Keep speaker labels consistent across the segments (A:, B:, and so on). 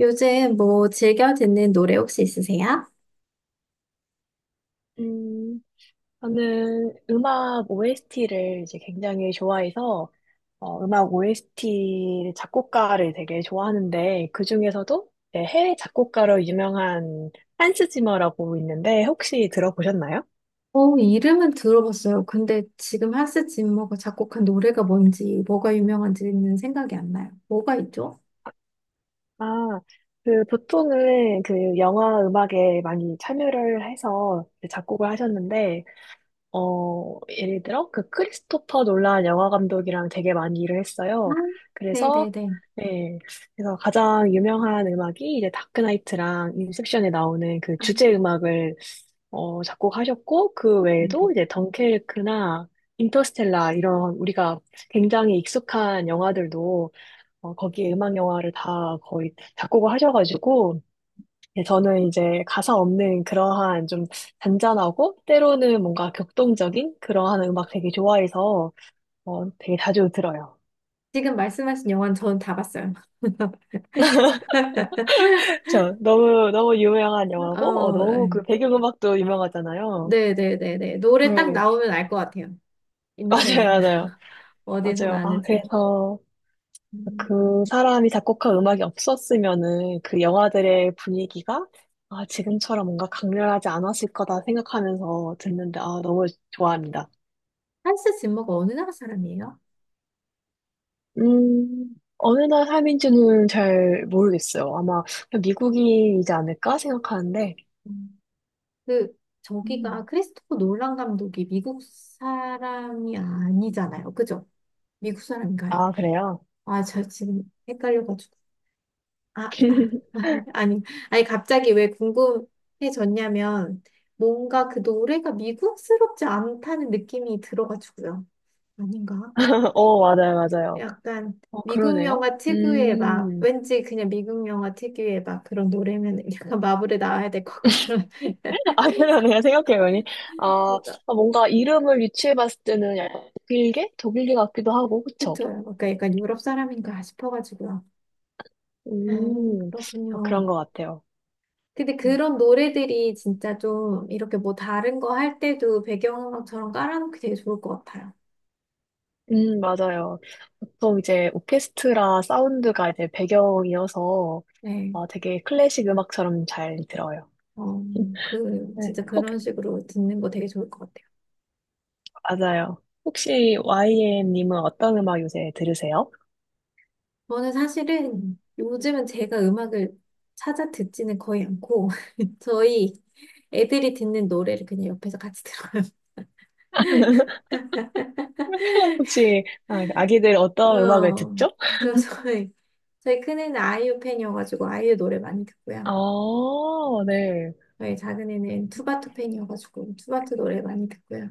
A: 요즘 뭐 즐겨 듣는 노래 혹시 있으세요?
B: 음, 저는 음악 OST를 이제 굉장히 좋아해서 음악 OST 작곡가를 되게 좋아하는데 그 중에서도 이제 해외 작곡가로 유명한 한스 지머라고 있는데 혹시 들어보셨나요?
A: 어, 이름은 들어봤어요. 근데 지금 한스 짐머가 작곡한 노래가 뭔지, 뭐가 유명한지는 생각이 안 나요. 뭐가 있죠?
B: 아, 그 보통은 그 영화 음악에 많이 참여를 해서 작곡을 하셨는데 예를 들어, 그 크리스토퍼 놀란 영화 감독이랑 되게 많이 일을
A: 아,
B: 했어요. 그래서,
A: 네네네.
B: 네, 그래서 가장 유명한 음악이 이제 다크나이트랑 인셉션에 나오는 그
A: 아,
B: 주제 음악을 작곡하셨고, 그
A: 네네.
B: 외에도 이제 덩케르크나 인터스텔라 이런 우리가 굉장히 익숙한 영화들도 거기에 음악 영화를 다 거의 작곡을 하셔가지고, 예, 저는 이제 가사 없는 그러한 좀 잔잔하고 때로는 뭔가 격동적인 그러한 음악 되게 좋아해서 되게 자주 들어요.
A: 지금 말씀하신 영화는 저는 다 봤어요.
B: 저 너무 너무 유명한 영화고
A: 어,
B: 너무 그 배경음악도 유명하잖아요.
A: 네네네네. 노래 딱
B: 네,
A: 나오면 알 것 같아요. 이 노래
B: 맞아요, 맞아요,
A: 어디서
B: 맞아요. 아
A: 나는지.
B: 그래서
A: 음,
B: 그 사람이 작곡한 음악이 없었으면은 그 영화들의 분위기가 아 지금처럼 뭔가 강렬하지 않았을 거다 생각하면서 듣는데 아 너무 좋아합니다.
A: 한스 짐머가 어느 나라 사람이에요?
B: 어느 나라 삶인지는 잘 모르겠어요. 아마 그냥 미국인이지 않을까 생각하는데.
A: 그 저기가
B: 음.
A: 크리스토퍼 놀란 감독이 미국 사람이 아니잖아요. 그죠? 미국 사람인가요?
B: 아, 그래요?
A: 아, 저 지금 헷갈려가지고. 아, 아, 아, 아니, 아니, 갑자기 왜 궁금해졌냐면, 뭔가 그 노래가 미국스럽지 않다는 느낌이 들어가지고요. 아닌가?
B: 맞아요, 맞아요.
A: 약간 미국
B: 그러네요.
A: 영화 특유의 막, 왠지 그냥 미국 영화 특유의 막 그런 노래면 약간 마블에 나와야 될 것 같고 그런
B: 아, 그러네요. 생각해보니. 아, 아, 뭔가 이름을 유추해봤을 때는 약간 독일계? 독일계 같기도 하고, 그쵸?
A: 그쵸. 그러니까 약간 유럽 사람인가 싶어가지고요.
B: 음,
A: 그렇군요.
B: 그런 것 같아요.
A: 근데
B: 음,
A: 그런 노래들이 진짜 좀 이렇게 뭐 다른 거 할 때도 배경음악처럼 깔아놓기 되게 좋을 것 같아요.
B: 맞아요. 보통 이제 오케스트라 사운드가 이제 배경이어서
A: 네.
B: 되게 클래식 음악처럼 잘 들어요.
A: 어, 그,
B: 네,
A: 진짜 그런 식으로 듣는 거 되게 좋을 것 같아요.
B: 맞아요. 혹시 YM님은 어떤 음악 요새 들으세요?
A: 저는 사실은 요즘은 제가 음악을 찾아 듣지는 거의 않고, 저희 애들이 듣는 노래를 그냥 옆에서 같이 들어요.
B: 혹시 아기들 어떤 음악을
A: 어,
B: 듣죠?
A: 그래서 저희, 저희 큰애는 아이유 팬이어가지고 아이유 노래 많이 듣고요.
B: 아, 네.
A: 저희 작은 애는 투바투 팬이어가지고 투바투 노래 많이 듣고요.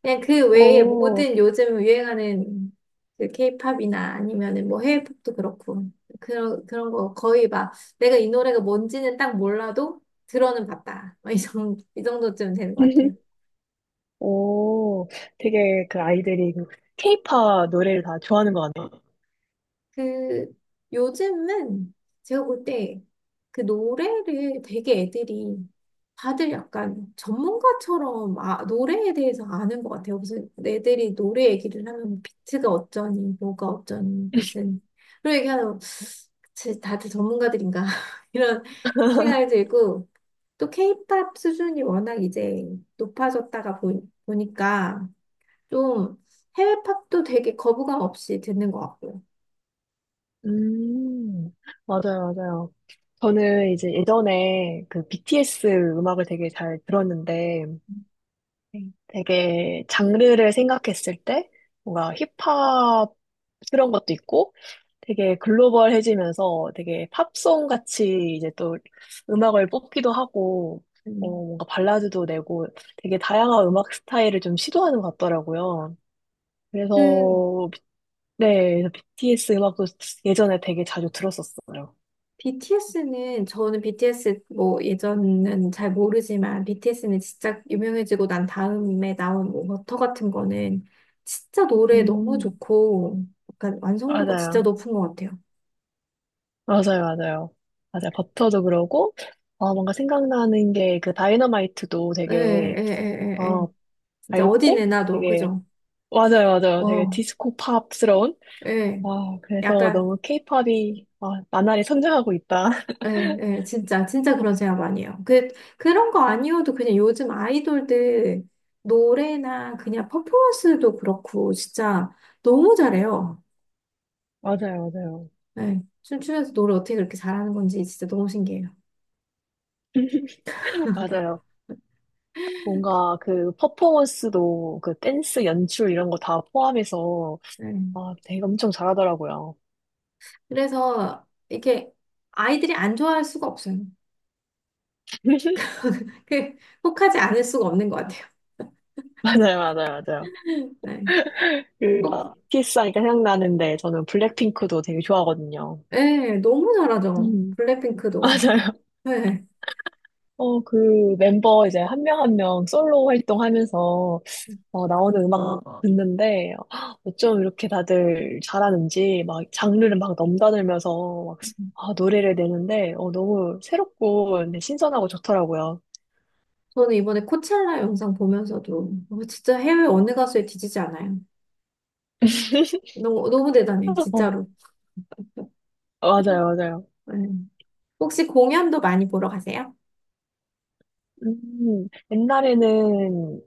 A: 그냥 그 외에
B: 오,
A: 모든 요즘 유행하는 그 케이팝이나 아니면은 뭐 해외 팝도 그렇고 그런 거 거의 막 내가 이 노래가 뭔지는 딱 몰라도 들어는 봤다. 막 이 정도 이 정도쯤 되는 것 같아요.
B: 오, 되게 그 아이들이 그 케이팝 노래를 다 좋아하는 것 같아요.
A: 그 요즘은 제가 볼 때 그 노래를 되게 애들이 다들 약간 전문가처럼 아, 노래에 대해서 아는 것 같아요. 무슨 애들이 노래 얘기를 하면 뭐 비트가 어쩌니, 뭐가 어쩌니, 무슨 그런 얘기하면 쟤 다들 전문가들인가 이런 생각이 들고 또 케이팝 수준이 워낙 이제 높아졌다가 보니까 좀 해외 팝도 되게 거부감 없이 듣는 것 같고요.
B: 음, 맞아요, 맞아요. 저는 이제 예전에 그 BTS 음악을 되게 잘 들었는데, 되게 장르를 생각했을 때 뭔가 힙합스러운 것도 있고 되게 글로벌해지면서 되게 팝송 같이 이제 또 음악을 뽑기도 하고
A: 음.
B: 뭔가 발라드도 내고 되게 다양한 음악 스타일을 좀 시도하는 것 같더라고요.
A: 그
B: 그래서 비- 네, 그래서 BTS 음악도 예전에 되게 자주 들었었어요.
A: BTS는 저는 BTS 뭐 예전은 잘 모르지만 BTS는 진짜 유명해지고 난 다음에 나온 뭐 워터 같은 거는 진짜 노래 너무
B: 음,
A: 좋고 약간 완성도가 진짜
B: 맞아요.
A: 높은 것 같아요.
B: 맞아요, 맞아요. 맞아요. 버터도 그러고, 뭔가 생각나는 게 그 다이너마이트도
A: 예, 예,
B: 되게,
A: 예, 예, 예.
B: 어,
A: 진짜 어디
B: 밝고,
A: 내놔도
B: 되게,
A: 그죠?
B: 맞아요, 맞아요. 되게
A: 어,
B: 디스코 팝스러운?
A: 예.
B: 아, 그래서
A: 약간
B: 너무 케이팝이, 아, 나날이 성장하고 있다.
A: 예, 예, 진짜, 진짜 그런 생각 많이 해요. 그, 그런 거 아니어도 그냥 요즘 아이돌들 노래나 그냥 퍼포먼스도 그렇고, 진짜 너무 잘해요.
B: 맞아요, 맞아요.
A: 예, 춤추면서 노래 어떻게 그렇게 잘하는 건지 진짜 너무 신기해요.
B: 맞아요. 뭔가 그 퍼포먼스도 그 댄스 연출 이런 거 다 포함해서,
A: 예.
B: 아, 되게 엄청 잘하더라고요.
A: 그래서 이게 아이들이 안 좋아할 수가 없어요. 그, 혹하지 않을 수가 없는 것 같아요.
B: 맞아요, 맞아요, 맞아요.
A: 네,
B: 그,
A: 혹,
B: 키스하니까 생각나는데, 저는 블랙핑크도 되게 좋아하거든요.
A: 예, 너무 잘하죠.
B: 음,
A: 블랙핑크도.
B: 맞아요.
A: 네.
B: 그 멤버 이제 한 명 한 명 솔로 활동하면서 나오는 음악 듣는데 어쩜 이렇게 다들 잘하는지 막 장르를 막 넘나들면서 막 아, 노래를 내는데 너무 새롭고 근데 신선하고 좋더라고요.
A: 저는 이번에 코첼라 영상 보면서도 어, 진짜 해외 어느 가수에 뒤지지 않아요. 너무 너무 대단해요,
B: 어,
A: 진짜로.
B: 맞아요, 맞아요.
A: 네. 혹시 공연도 많이 보러 가세요?
B: 옛날에는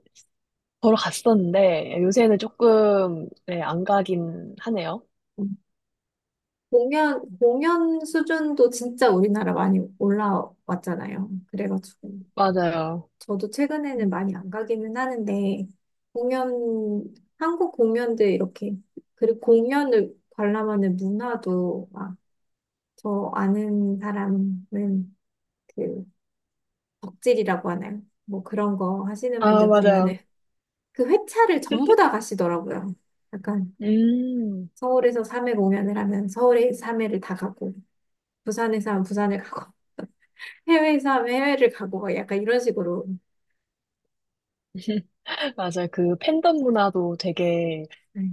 B: 보러 갔었는데 요새는 조금 네, 안 가긴 하네요.
A: 음. 공연 수준도 진짜 우리나라 많이 올라왔잖아요. 그래가지고
B: 맞아요.
A: 저도 최근에는
B: 음.
A: 많이 안 가기는 하는데 공연 한국 공연들 이렇게 그리고 공연을 관람하는 문화도 막 저 아는 사람은 그 덕질이라고 하나요? 뭐 그런 거 하시는
B: 아,
A: 분들
B: 맞아요.
A: 보면은 그 회차를 전부 다 가시더라고요. 약간
B: 음.
A: 서울에서 3회 공연을 하면 서울에 3회를 다 가고 부산에서 하면 부산을 가고 해외에서 하면 해외를 가고 막 약간 이런 식으로
B: 맞아요. 그 팬덤 문화도 되게
A: 네,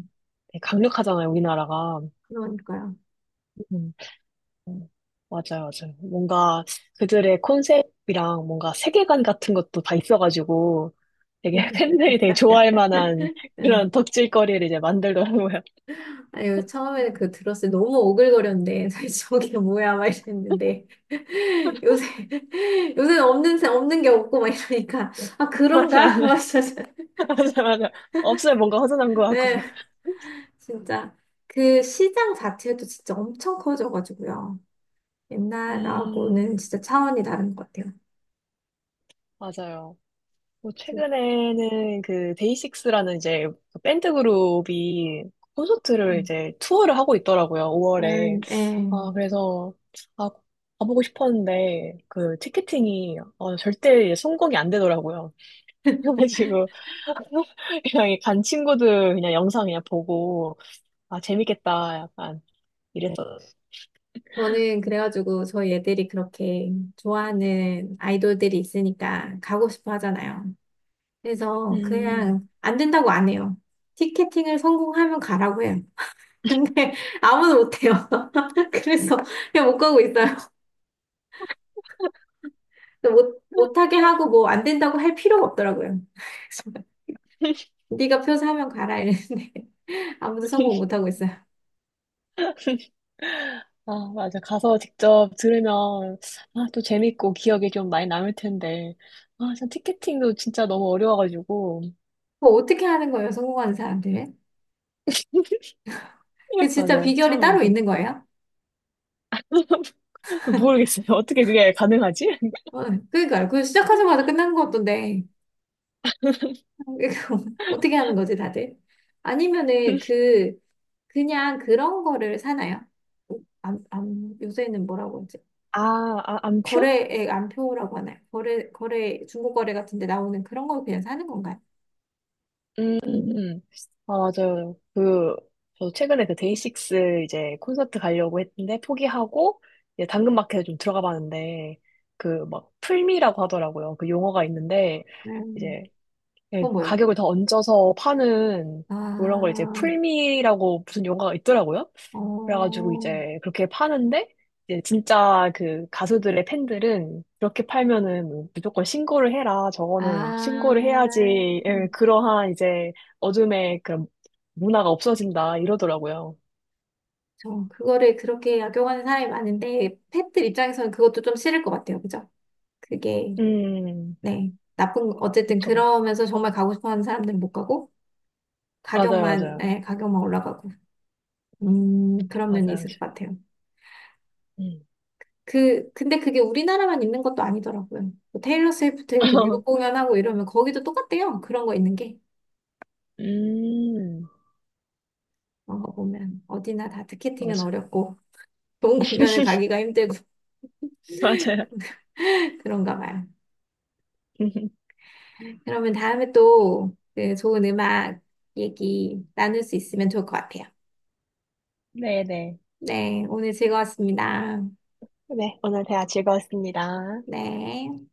B: 강력하잖아요, 우리나라가.
A: 그러니까요.
B: 음. 음, 맞아요, 맞아요. 뭔가 그들의 컨셉이랑 뭔가 세계관 같은 것도 다 있어가지고 되게 팬들이 되게 좋아할 만한
A: 네.
B: 그런 덕질거리를 이제 만들더라고요.
A: 아유, 처음에는 그 들었을 때 너무 오글거렸는데, 저게 뭐야, 막 이랬는데, 요새, 요새는 없는, 없는 게 없고, 막 이러니까, 아,
B: 맞아,
A: 그런가? 막 이러면서.
B: 맞아, 맞아, 맞아. 없으면 뭔가 허전한 것 같고.
A: 네, 진짜 그 시장 자체도 진짜 엄청 커져가지고요. 옛날하고는
B: 음,
A: 진짜 차원이 다른 것 같아요.
B: 맞아요. 뭐
A: 그,
B: 최근에는 그 데이식스라는 이제 그 밴드 그룹이 콘서트를
A: 음,
B: 이제 투어를 하고 있더라고요, 5월에.
A: 약간, 예.
B: 아, 그래서, 아, 가보고 싶었는데, 그, 티켓팅이, 절대 성공이 안 되더라고요. 그래가지고, 그냥 간 친구들 그냥 영상 그냥 보고, 아, 재밌겠다, 약간, 이랬어.
A: 저는 그래가지고 저희 애들이 그렇게 좋아하는 아이돌들이 있으니까 가고 싶어 하잖아요. 그래서
B: 음.
A: 그냥 안 된다고 안 해요. 티켓팅을 성공하면 가라고 해요. 근데 아무도 못해요. 그래서 그냥 못 가고 있어요. 못, 못하게 하고 뭐 안 된다고 할 필요가 없더라고요. 네가 표 사면 가라 이랬는데 아무도 성공 못 하고 있어요.
B: 아, 맞아. 가서 직접 들으면, 아, 또 재밌고 기억에 좀 많이 남을 텐데. 아, 참, 티켓팅도 진짜 너무 어려워가지고.
A: 그거 어떻게 하는 거예요? 성공하는 사람들은? 그 진짜
B: 맞아요.
A: 비결이
B: 참,
A: 따로
B: 그,
A: 있는 거예요?
B: 모르겠어요. 어떻게 그게 가능하지?
A: 어, 그러니까요. 그 시작하자마자 끝나는 거 같던데 이거 어떻게 하는 거지 다들? 아니면은 그 그냥 그런 거를 사나요? 안, 안, 요새는 뭐라고 하지?
B: 아, 아, 안표?
A: 거래액 안표라고 하나요? 거래 중고 거래 같은 데 나오는 그런 거 그냥 사는 건가요?
B: 음, 음, 음. 아, 맞아요. 그, 저 최근에 그 데이식스 이제 콘서트 가려고 했는데 포기하고, 이제 당근마켓에 좀 들어가 봤는데, 그 막 풀미라고 하더라고요. 그 용어가 있는데,
A: 음,
B: 이제 예,
A: 그건 뭐예요?
B: 가격을 더 얹어서 파는 그런 걸 이제
A: 아,
B: 풀미라고 무슨 용어가 있더라고요. 그래가지고
A: 어,
B: 이제 그렇게 파는데 이제 진짜 그 가수들의 팬들은 그렇게 팔면은 뭐 무조건 신고를 해라.
A: 아.
B: 저거는 신고를 해야지. 예, 그러한 이제 어둠의 그런 문화가 없어진다 이러더라고요.
A: 저 그거를 그렇게 악용하는 사람이 많은데 펫들 입장에서는 그것도 좀 싫을 것 같아요. 그죠? 그게
B: 음,
A: 네 나쁜 어쨌든
B: 그쵸.
A: 그러면서 정말 가고 싶어하는 사람들은 못 가고
B: 맞아요,
A: 가격만
B: 맞아요.
A: 예, 가격만 올라가고 그런 면이
B: 맞아요.
A: 있을 것 같아요.
B: 음.
A: 그 근데 그게 우리나라만 있는 것도 아니더라고요. 뭐 테일러 스위프트 이렇게 미국 공연하고 이러면 거기도 똑같대요. 그런 거 있는 게
B: 음,
A: 그런 거
B: 어,
A: 보면 어디나 다 티켓팅은
B: 맞아.
A: 어렵고 좋은 공연을 가기가 힘들고
B: 맞아요.
A: 그런가 봐요. 그러면 다음에 또 그 좋은 음악 얘기 나눌 수 있으면 좋을 것 같아요.
B: 네네.
A: 네, 오늘 즐거웠습니다.
B: 네, 오늘 대화 즐거웠습니다.
A: 네.